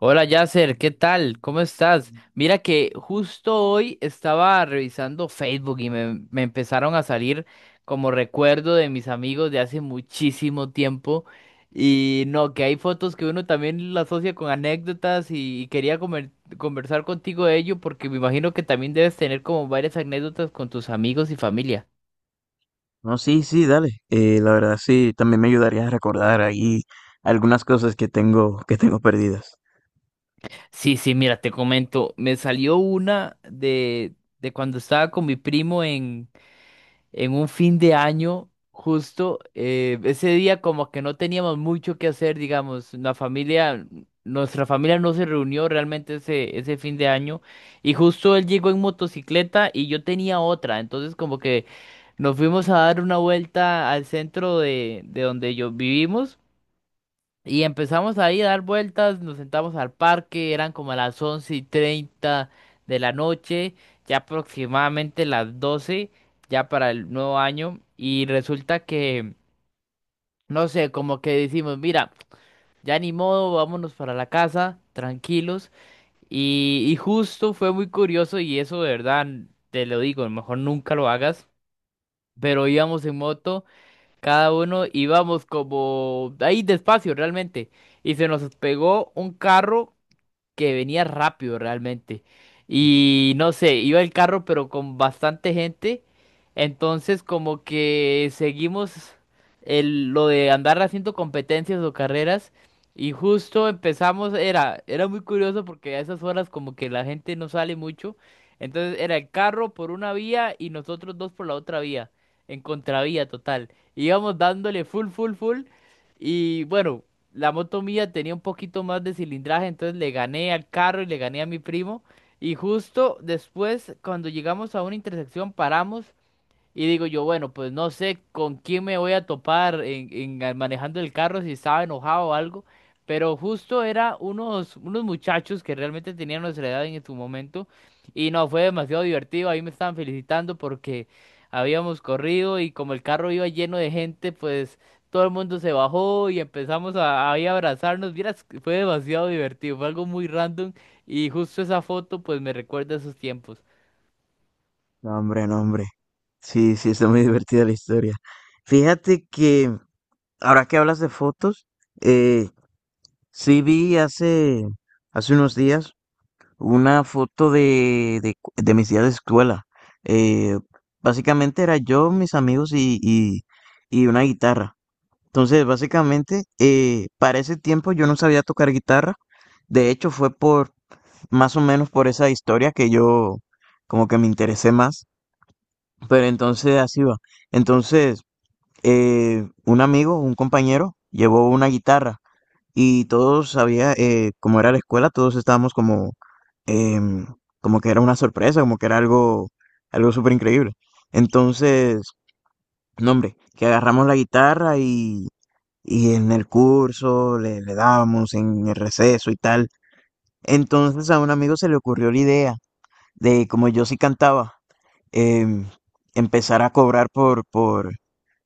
Hola Yasser, ¿qué tal? ¿Cómo estás? Mira que justo hoy estaba revisando Facebook y me empezaron a salir como recuerdo de mis amigos de hace muchísimo tiempo. Y no, que hay fotos que uno también la asocia con anécdotas y quería conversar contigo de ello porque me imagino que también debes tener como varias anécdotas con tus amigos y familia. No, sí, sí, dale. La verdad sí, también me ayudaría a recordar ahí algunas cosas que tengo perdidas. Sí, sí, mira, te comento, me salió una de cuando estaba con mi primo en un fin de año, justo ese día como que no teníamos mucho que hacer, digamos, la familia, nuestra familia no se reunió realmente ese fin de año y justo él llegó en motocicleta y yo tenía otra, entonces como que nos fuimos a dar una vuelta al centro de donde yo vivimos. Y empezamos ahí a dar vueltas, nos sentamos al parque, eran como las 11:30 de la noche, ya aproximadamente las 12 ya para el nuevo año. Y resulta que, no sé, como que decimos, mira, ya ni modo, vámonos para la casa, tranquilos. Y justo fue muy curioso y eso de verdad, te lo digo, mejor nunca lo hagas. Pero íbamos en moto cada uno íbamos como ahí despacio realmente. Y se nos pegó un carro que venía rápido realmente. Y no sé, iba el carro pero con bastante gente. Entonces como que seguimos lo de andar haciendo competencias o carreras. Y justo empezamos, era muy curioso porque a esas horas como que la gente no sale mucho. Entonces era el carro por una vía y nosotros dos por la otra vía, en contravía total. Íbamos dándole full, full, full. Y bueno. La moto mía tenía un poquito más de cilindraje, entonces le gané al carro y le gané a mi primo. Y justo después, cuando llegamos a una intersección, paramos y digo yo, bueno, pues no sé con quién me voy a topar manejando el carro, si estaba enojado o algo, pero justo era unos muchachos que realmente tenían nuestra edad en su momento, y no, fue demasiado divertido, ahí me estaban felicitando porque habíamos corrido y como el carro iba lleno de gente, pues todo el mundo se bajó y empezamos a, ahí a abrazarnos, vieras, que fue demasiado divertido, fue algo muy random, y justo esa foto pues me recuerda a esos tiempos. No, hombre, no, hombre. Sí, sí, está muy divertida la historia. Fíjate que ahora que hablas de fotos, eh, sí vi hace unos días una foto de mis días de escuela. Eh, básicamente era yo, mis amigos y una guitarra. Entonces, básicamente, para ese tiempo yo no sabía tocar guitarra. De hecho, fue por más o menos por esa historia que yo como que me interesé más. Pero entonces así va. Entonces, un amigo, un compañero, llevó una guitarra y todos sabía cómo era la escuela, todos estábamos como, em, como que era una sorpresa, como que era algo, algo súper increíble. Entonces, no, hombre, que agarramos la guitarra y en el curso le dábamos en el receso y tal. Entonces a un amigo se le ocurrió la idea de, como yo sí cantaba, em, empezar a cobrar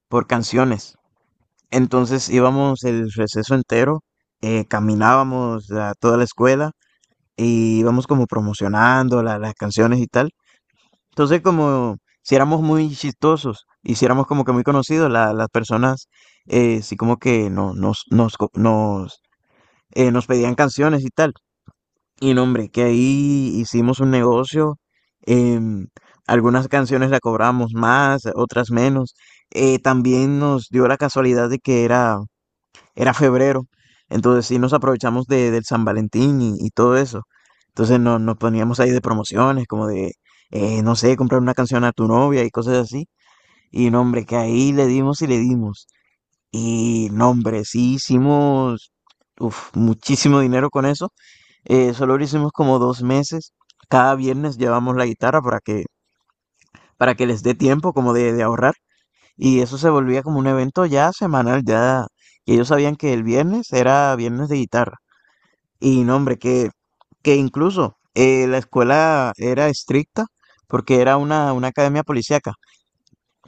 por canciones. Entonces íbamos el receso entero, caminábamos a toda la escuela y íbamos como promocionando las canciones y tal. Entonces como si éramos muy chistosos, hiciéramos como que muy conocidos, las personas sí como que no, nos, nos, co- nos nos pedían canciones y tal. Y no, hombre, que ahí hicimos un negocio. em, algunas canciones la cobramos más, otras menos. También nos dio la casualidad de que era febrero. Entonces sí nos aprovechamos del San Valentín y todo eso. Entonces no, nos poníamos ahí de promociones, como de, no sé, comprar una canción a tu novia y cosas así. Y no, hombre, que ahí le dimos. Y no, hombre, sí hicimos uf, muchísimo dinero con eso. Solo lo hicimos como 2 meses. Cada viernes llevamos la guitarra para que les dé tiempo como de ahorrar. Y eso se volvía como un evento ya semanal, ya que ellos sabían que el viernes era viernes de guitarra. Y no, hombre, que incluso la escuela era estricta porque era una academia policíaca,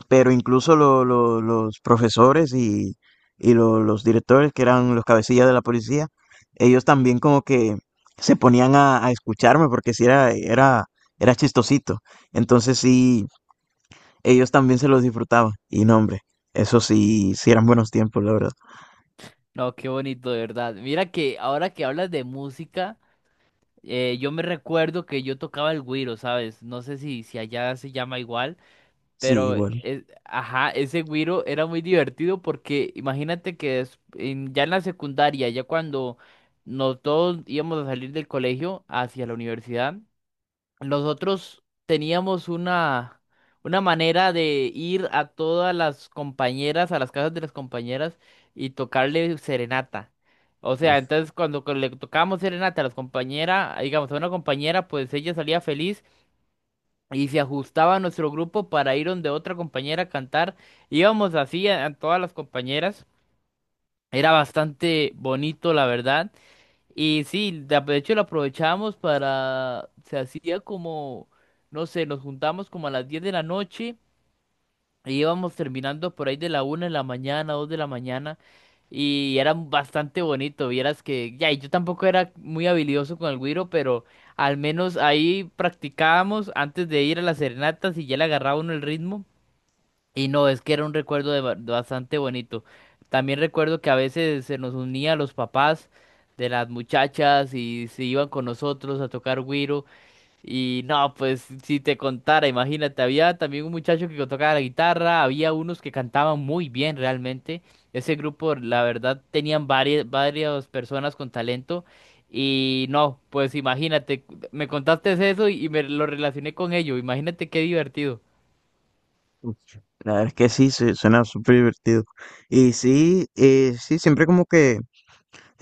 pero incluso los profesores y los directores, que eran los cabecillas de la policía, ellos también como que se ponían a escucharme porque sí era chistosito. Entonces sí, ellos también se los disfrutaban. Y no, hombre, eso sí, sí eran buenos tiempos, la verdad. No, qué bonito, de verdad. Mira que ahora que hablas de música, yo me recuerdo que yo tocaba el güiro, ¿sabes? No sé si allá se llama igual, Sí, pero igual. Ajá, ese güiro era muy divertido porque imagínate que ya en la secundaria, ya cuando nos todos íbamos a salir del colegio hacia la universidad, nosotros teníamos una manera de ir a todas las compañeras, a las casas de las compañeras y tocarle serenata. O sea, Uf, entonces cuando le tocábamos serenata a las compañeras, digamos, a una compañera, pues ella salía feliz y se ajustaba a nuestro grupo para ir donde otra compañera a cantar. Íbamos así a todas las compañeras. Era bastante bonito, la verdad. Y sí, de hecho lo aprovechamos para, se hacía como, no sé, nos juntamos como a las 10 de la noche y íbamos terminando por ahí de la 1 de la mañana, 2 de la mañana y era bastante bonito, vieras que, ya, y yo tampoco era muy habilidoso con el güiro, pero al menos ahí practicábamos antes de ir a las serenatas y ya le agarraba uno el ritmo y no, es que era un recuerdo de de bastante bonito. También recuerdo que a veces se nos unía los papás de las muchachas y se iban con nosotros a tocar güiro. Y no, pues si te contara, imagínate, había también un muchacho que tocaba la guitarra, había unos que cantaban muy bien realmente. Ese grupo, la verdad, tenían varias personas con talento. Y no, pues imagínate, me contaste eso y me lo relacioné con ello. Imagínate qué divertido. uf. La verdad es que sí, suena súper divertido. Y sí, sí, siempre como que.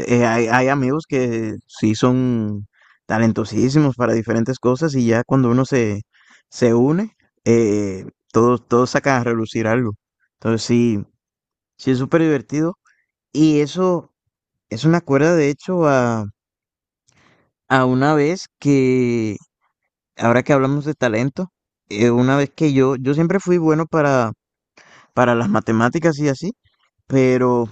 Hay amigos que sí son talentosísimos para diferentes cosas y ya cuando uno se une, eh, todos sacan a relucir algo. Entonces sí, sí es súper divertido. Y eso me acuerda de hecho a, una vez que, ahora que hablamos de talento, una vez que yo siempre fui bueno para las matemáticas y así, pero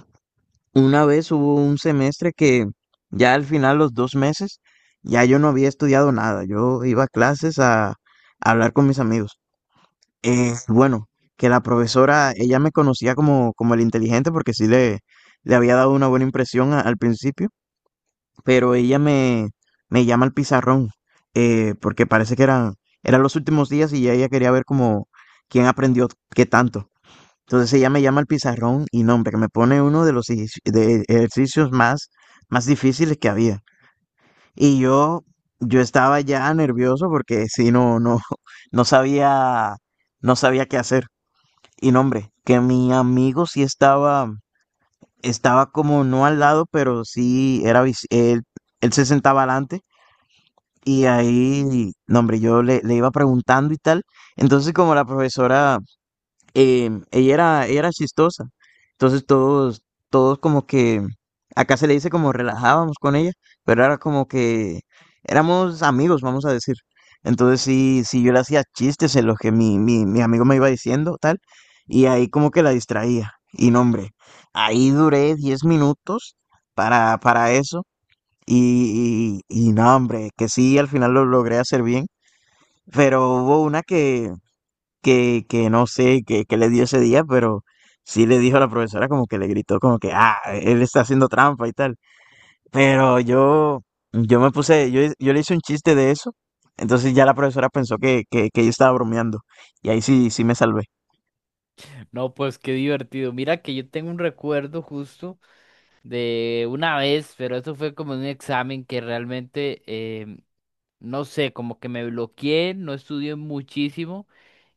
una vez hubo un semestre que ya al final, los 2 meses, ya yo no había estudiado nada. Yo iba a clases a hablar con mis amigos. Bueno, que la profesora, ella me conocía como el inteligente porque sí le había dado una buena impresión al principio, pero ella me llama al pizarrón porque parece que eran los últimos días y ya ella quería ver como quién aprendió qué tanto. Entonces ella me llama al pizarrón y no, hombre, que me pone uno de los ejerci- de ejercicios más difíciles que había. Y yo estaba ya nervioso porque si no, no sabía, no sabía qué hacer. Y no, hombre, que mi amigo sí estaba como no al lado, pero él se sentaba adelante. Y ahí, no, hombre, yo le iba preguntando y tal. Entonces, como la profesora ella era chistosa. Entonces todos como que, acá se le dice como relajábamos con ella, pero era como que éramos amigos, vamos a decir. Entonces sí, sí yo le hacía chistes en los que mi amigo me iba diciendo, tal, y ahí como que la distraía. Y no, hombre, ahí duré 10 minutos para eso, y no, hombre, que sí, al final lo logré hacer bien, pero hubo una que no sé qué le dio ese día, pero sí le dijo a la profesora como que le gritó como que, ah, él está haciendo trampa y tal. Pero yo, yo le hice un chiste de eso, entonces ya la profesora pensó que yo estaba bromeando y ahí sí, sí me salvé. No, pues qué divertido. Mira que yo tengo un recuerdo justo de una vez, pero eso fue como un examen que realmente no sé, como que me bloqueé, no estudié muchísimo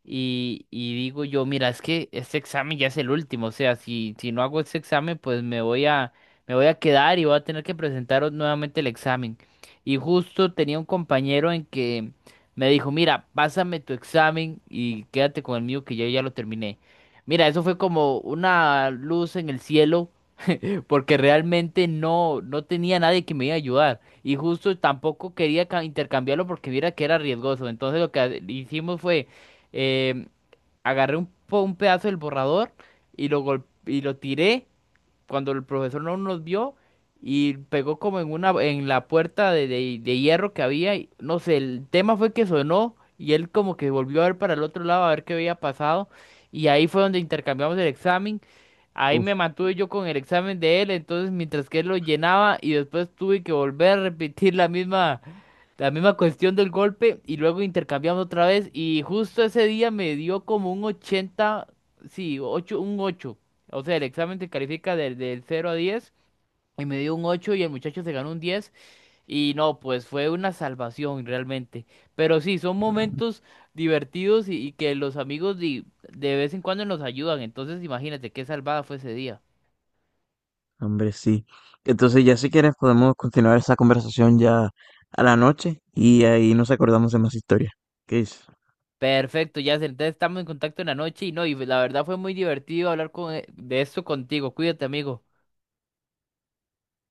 y digo yo, mira, es que este examen ya es el último, o sea, si no hago este examen, pues me voy me voy a quedar y voy a tener que presentar nuevamente el examen. Y justo tenía un compañero en que me dijo, mira, pásame tu examen y quédate con el mío que yo ya lo terminé. Mira, eso fue como una luz en el cielo porque realmente no, no tenía nadie que me iba a ayudar. Y justo tampoco quería intercambiarlo porque viera que era riesgoso. Entonces lo que hicimos fue, eh, agarré un pedazo del borrador y lo, y lo tiré cuando el profesor no nos vio y pegó como en una en la puerta de hierro que había y no sé, el tema fue que sonó y él como que volvió a ver para el otro lado a ver qué había pasado y ahí fue donde intercambiamos el examen. Ahí Uf, me mantuve yo con el examen de él, entonces mientras que él lo llenaba y después tuve que volver a repetir la misma cuestión del golpe y luego intercambiamos otra vez y justo ese día me dio como un 80, sí, 8, un 8. O sea, el examen te califica del 0 a 10 y me dio un 8 y el muchacho se ganó un 10 y no, pues fue una salvación realmente. Pero sí, son momentos divertidos y que los amigos de, vez en cuando nos ayudan. Entonces, imagínate qué salvada fue ese día. hombre, sí. Entonces ya si quieres podemos continuar esa conversación ya a la noche y ahí nos acordamos de más historias. ¿Qué dices? Perfecto, ya entonces estamos en contacto en la noche y no, y la verdad fue muy divertido hablar con, de esto contigo. Cuídate, amigo.